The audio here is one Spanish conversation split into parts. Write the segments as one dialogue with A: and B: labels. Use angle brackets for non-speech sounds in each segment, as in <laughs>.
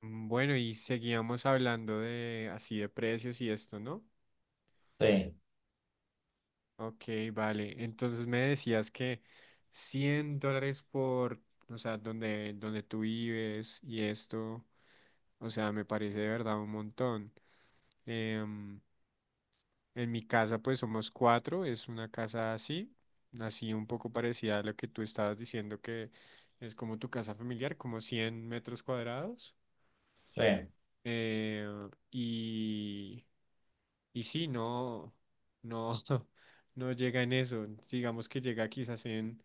A: Bueno, y seguíamos hablando de así de precios y esto, ¿no?
B: Sí,
A: Ok, vale. Entonces me decías que $100 por, o sea, donde tú vives y esto, o sea, me parece de verdad un montón. Em, en mi casa, pues somos cuatro, es una casa así, así un poco parecida a lo que tú estabas diciendo que es como tu casa familiar, como 100 metros cuadrados.
B: sí.
A: Eh, y sí, no, no, <laughs> no llega en eso. Digamos que llega quizás en,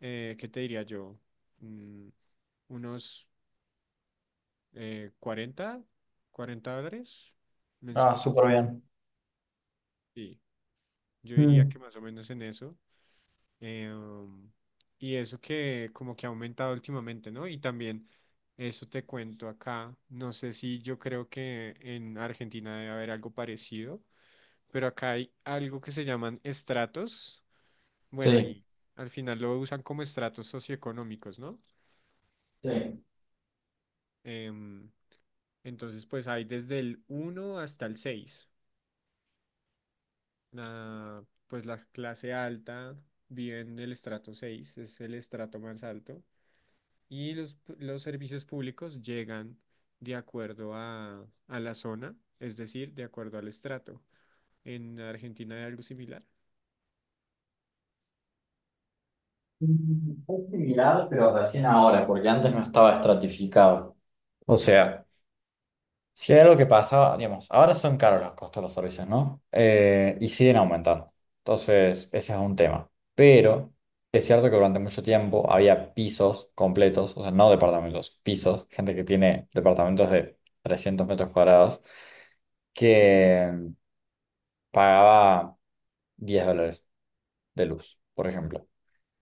A: ¿qué te diría yo? Mm, unos 40 $40
B: Ah,
A: mensual.
B: súper bien.
A: Sí, yo diría que
B: Mm,
A: más o menos en eso. Eh, um, y eso que como que ha aumentado últimamente, ¿no? Y también eso te cuento acá. No sé, si yo creo que en Argentina debe haber algo parecido, pero acá hay algo que se llaman estratos. Bueno,
B: sí.
A: y al final lo usan como estratos socioeconómicos, ¿no?
B: Sí.
A: Em, entonces, pues hay desde el uno hasta el 6. Pues la clase alta vive en el estrato 6, es el estrato más alto. Y los servicios públicos llegan de acuerdo a la zona, es decir, de acuerdo al estrato. En Argentina hay algo similar.
B: Es similar, pero recién ahora, porque antes no estaba estratificado. O sea, si hay algo que pasaba, digamos, ahora son caros los costos de los servicios, ¿no? Y siguen aumentando. Entonces, ese es un tema. Pero es cierto que durante mucho tiempo había pisos completos, o sea, no departamentos, pisos, gente que tiene departamentos de 300 metros cuadrados, que pagaba 10 dólares de luz, por ejemplo.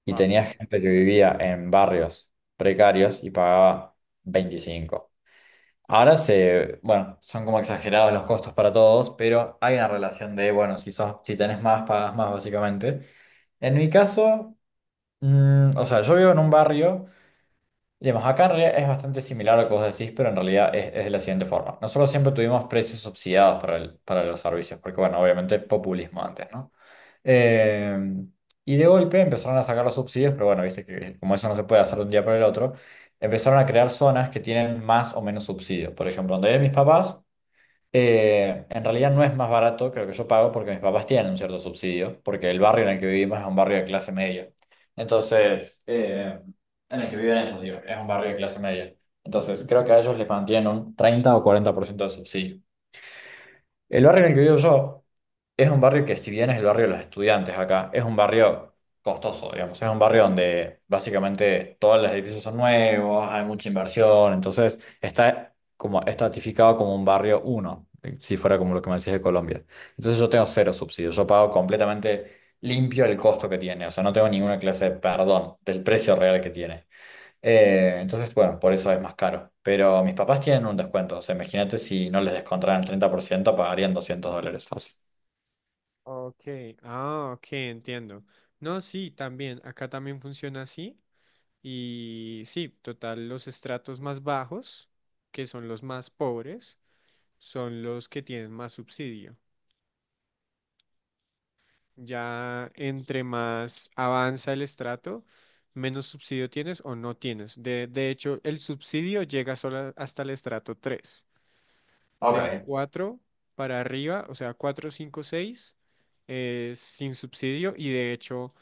B: Y
A: Wow.
B: tenía gente que vivía en barrios precarios y pagaba 25. Ahora bueno, son como exagerados los costos para todos, pero hay una relación de, bueno, si sos, si tenés más, pagas más, básicamente. En mi caso, o sea, yo vivo en un barrio, digamos, acá en realidad es bastante similar a lo que vos decís, pero en realidad es de la siguiente forma. Nosotros siempre tuvimos precios subsidiados para los servicios, porque, bueno, obviamente populismo antes, ¿no? Eh, y de golpe empezaron a sacar los subsidios, pero bueno, viste que como eso no se puede hacer de un día para el otro, empezaron a crear zonas que tienen más o menos subsidio. Por ejemplo, donde viven mis papás, en realidad no es más barato que lo que yo pago porque mis papás tienen un cierto subsidio, porque el barrio en el que vivimos es un barrio de clase media. Entonces, en el que viven ellos, digo, es un barrio de clase media. Entonces, creo que a ellos les mantienen un 30 o 40% de subsidio. El barrio en el que vivo yo es un barrio que si bien es el barrio de los estudiantes acá, es un barrio costoso, digamos. Es un barrio donde básicamente todos los edificios son nuevos, hay mucha inversión, entonces está como estratificado como un barrio uno, si fuera como lo que me decís de Colombia. Entonces yo tengo cero subsidios, yo pago completamente limpio el costo que tiene, o sea, no tengo ninguna clase de perdón del precio real que tiene. Entonces, bueno, por eso es más caro. Pero mis papás tienen un descuento. O sea, imagínate si no les descontaran el 30% pagarían 200 dólares fácil.
A: Ok, ah, ok, entiendo. No, sí, también, acá también funciona así. Y sí, total, los estratos más bajos, que son los más pobres, son los que tienen más subsidio. Ya entre más avanza el estrato, menos subsidio tienes o no tienes. De hecho, el subsidio llega solo hasta el estrato tres. Del
B: Ok.
A: 4 para arriba, o sea, 4 5 seis, es sin subsidio. Y de hecho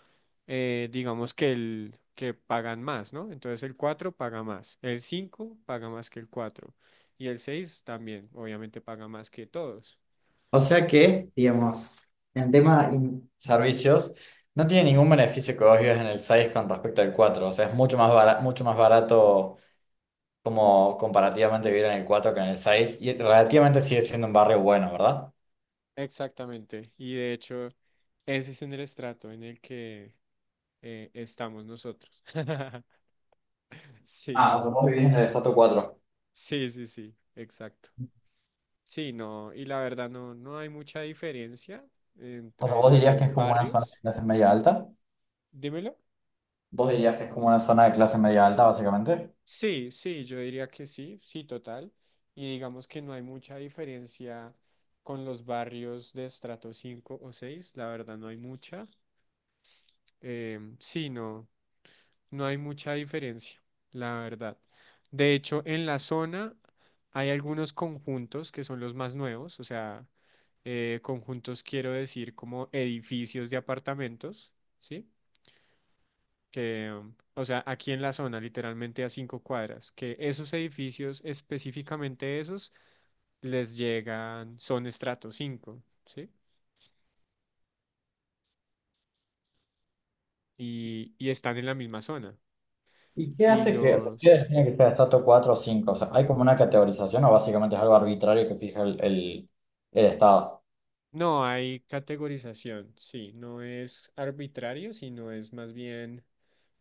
A: digamos que el que pagan más, ¿no? Entonces el 4 paga más, el 5 paga más que el cuatro, y el 6 también, obviamente paga más que todos.
B: O sea que, digamos, en tema, servicios, no tiene ningún beneficio que vos vivas en el 6 con respecto al cuatro. O sea, es mucho más barato como comparativamente vivir en el 4 que en el seis. Y relativamente sigue siendo un barrio bueno, ¿verdad?
A: Exactamente, y de hecho ese es en el estrato en el que estamos nosotros. <laughs> Sí,
B: Ah, o sea, vos vivís en el estrato cuatro.
A: sí, sí, sí, exacto. Sí, no, y la verdad no, no hay mucha diferencia
B: O sea, vos
A: entre
B: dirías que
A: los
B: es como una zona de
A: barrios.
B: clase media alta.
A: Dímelo.
B: Vos dirías que es como una zona de clase media alta, básicamente.
A: Sí, sí, yo diría que sí, sí, total. Y digamos que no hay mucha diferencia con los barrios de estrato 5 o 6, la verdad no hay mucha. Sí, no, no hay mucha diferencia, la verdad. De hecho, en la zona hay algunos conjuntos que son los más nuevos, o sea, conjuntos quiero decir como edificios de apartamentos, ¿sí? Que, o sea, aquí en la zona, literalmente a 5 cuadras, que esos edificios, específicamente esos, les llegan, son estrato 5, ¿sí? Y están en la misma zona.
B: ¿Y qué
A: Y
B: hace que, o sea, qué
A: los,
B: define que sea estrato 4 o cinco? O sea, ¿hay como una categorización o básicamente es algo arbitrario que fija el Estado?
A: no hay categorización, sí, no es arbitrario, sino es más bien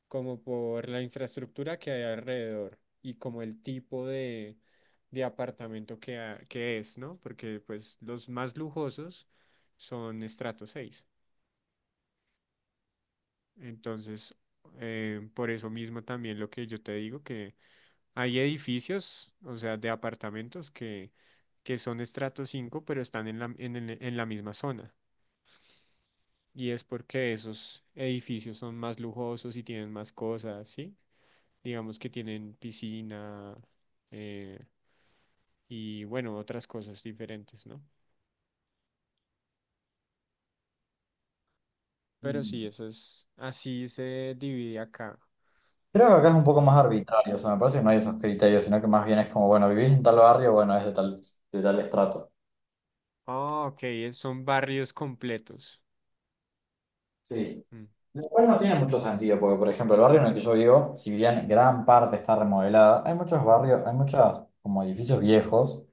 A: como por la infraestructura que hay alrededor y como el tipo de apartamento que es, ¿no? Porque pues los más lujosos son estrato 6. Entonces, por eso mismo también lo que yo te digo, que hay edificios, o sea, de apartamentos que son estrato 5 pero están en en la misma zona. Y es porque esos edificios son más lujosos y tienen más cosas, ¿sí? Digamos que tienen piscina, eh, y, bueno, otras cosas diferentes, ¿no? Pero
B: Mm.
A: sí, eso es, así se divide acá.
B: Creo que acá es un poco más
A: Em,
B: arbitrario, o sea, me parece que no hay esos criterios, sino que más bien es como, bueno, vivís en tal barrio, bueno, es de tal, estrato.
A: ah, ok, son barrios completos.
B: Sí.
A: Mm,
B: Lo cual no tiene mucho sentido, porque, por ejemplo, el barrio en el que yo vivo, si bien gran parte está remodelada, hay muchos como edificios viejos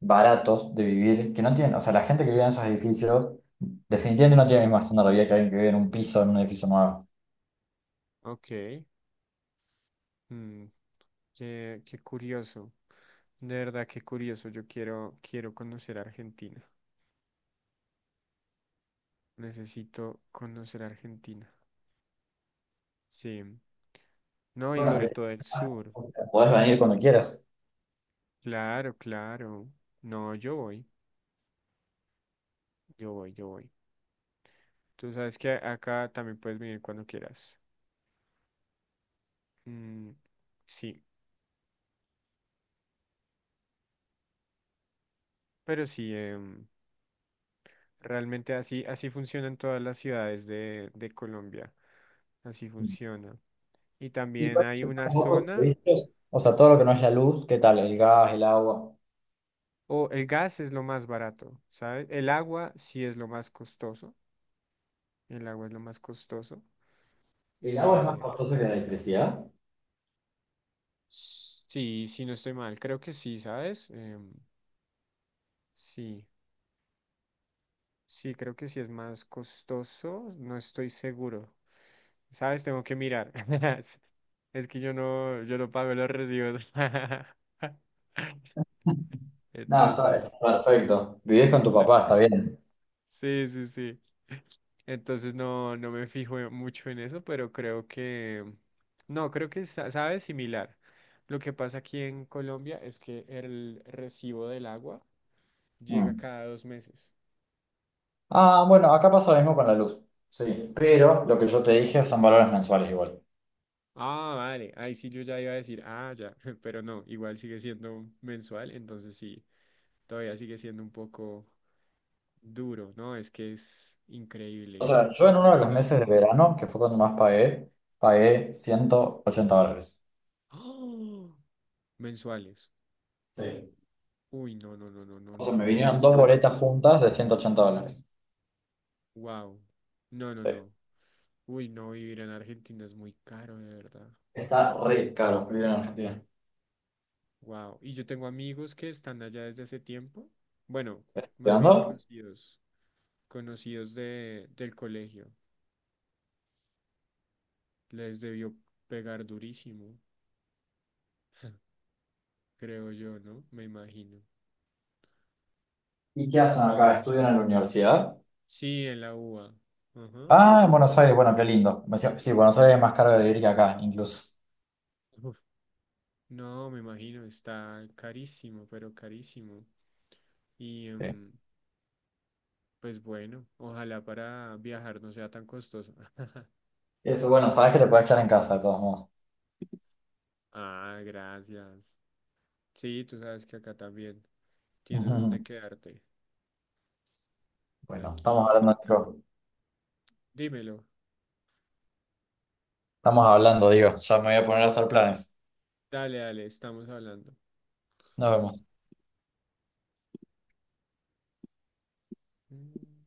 B: baratos de vivir, que no tienen, o sea, la gente que vive en esos edificios definitivamente no tiene el mismo estándar de vida que alguien que vive en un piso, en un edificio nuevo.
A: ok. Mm, Qué, qué curioso. De verdad, qué curioso. Yo quiero, quiero conocer Argentina. Necesito conocer Argentina. Sí. No, y sobre
B: Claro.
A: todo el sur.
B: Podés venir cuando quieras.
A: Claro, claro. No, yo voy. Yo voy, yo voy. Tú sabes que acá también puedes venir cuando quieras. Mm, sí, pero sí, realmente así, así funcionan todas las ciudades de Colombia. Así funciona. Y
B: Y
A: también
B: por
A: hay
B: eso
A: una
B: como otros
A: zona.
B: servicios, o sea, todo lo que no es la luz, ¿qué tal? El gas, el agua.
A: O el gas es lo más barato, ¿sabes? El agua sí es lo más costoso. El agua es lo más costoso.
B: ¿El agua es más
A: Eh,
B: costoso que la electricidad?
A: sí, sí, no estoy mal. Creo que sí, ¿sabes? Sí, sí, creo que sí es más costoso. No estoy seguro. ¿Sabes? Tengo que mirar. <laughs> Es que yo no pago los recibos. <laughs>
B: <laughs> No, está,
A: Entonces,
B: está perfecto. Vivís con tu papá, está bien.
A: sí, sí, sí. Entonces no, no me fijo mucho en eso, pero creo que, no, creo que sabe similar. Lo que pasa aquí en Colombia es que el recibo del agua llega
B: Mm.
A: cada 2 meses.
B: Ah, bueno, acá pasa lo mismo con la luz. Sí, pero lo que yo te dije son valores mensuales igual.
A: Ah, vale, ahí sí yo ya iba a decir, ah, ya, <laughs> pero no, igual sigue siendo mensual, entonces sí, todavía sigue siendo un poco duro, ¿no? Es que es
B: O
A: increíble,
B: sea, yo en uno
A: de
B: de los
A: verdad.
B: meses de verano, que fue cuando más pagué, pagué 180 dólares.
A: ¡Oh! Mensuales.
B: Sí.
A: Uy, no, no, no, no, no,
B: O sea,
A: no,
B: me
A: no,
B: vinieron
A: es
B: dos boletas
A: carísimo.
B: juntas de 180 dólares.
A: Wow. No, no,
B: Sí.
A: no. Uy, no, vivir en Argentina es muy caro, de verdad.
B: Está re caro vivir en Argentina.
A: Wow. Y yo tengo amigos que están allá desde hace tiempo. Bueno, más bien
B: ¿Estudiando?
A: conocidos, conocidos del colegio. Les debió pegar durísimo, <laughs> creo yo, ¿no? Me imagino.
B: ¿Y qué hacen acá? ¿Estudian en la universidad?
A: Sí, en la UBA. Ajá.
B: Ah, en Buenos Aires, bueno, qué lindo. Me decía, sí, Buenos Aires es más caro de vivir que acá, incluso.
A: Uf. No, me imagino, está carísimo, pero carísimo. Y
B: Sí.
A: em, Pues bueno, ojalá para viajar no sea tan costoso. <laughs>
B: Eso, bueno, sabes que te puedes quedar en casa, de todos modos.
A: Ah, gracias. Sí, tú sabes que acá también tienes donde
B: <laughs>
A: quedarte.
B: Bueno, estamos
A: Aquí,
B: hablando, Nico.
A: dímelo.
B: Estamos hablando, digo. Ya me voy a poner a hacer planes.
A: Dale, dale, estamos hablando.
B: Nos vemos.
A: Mm.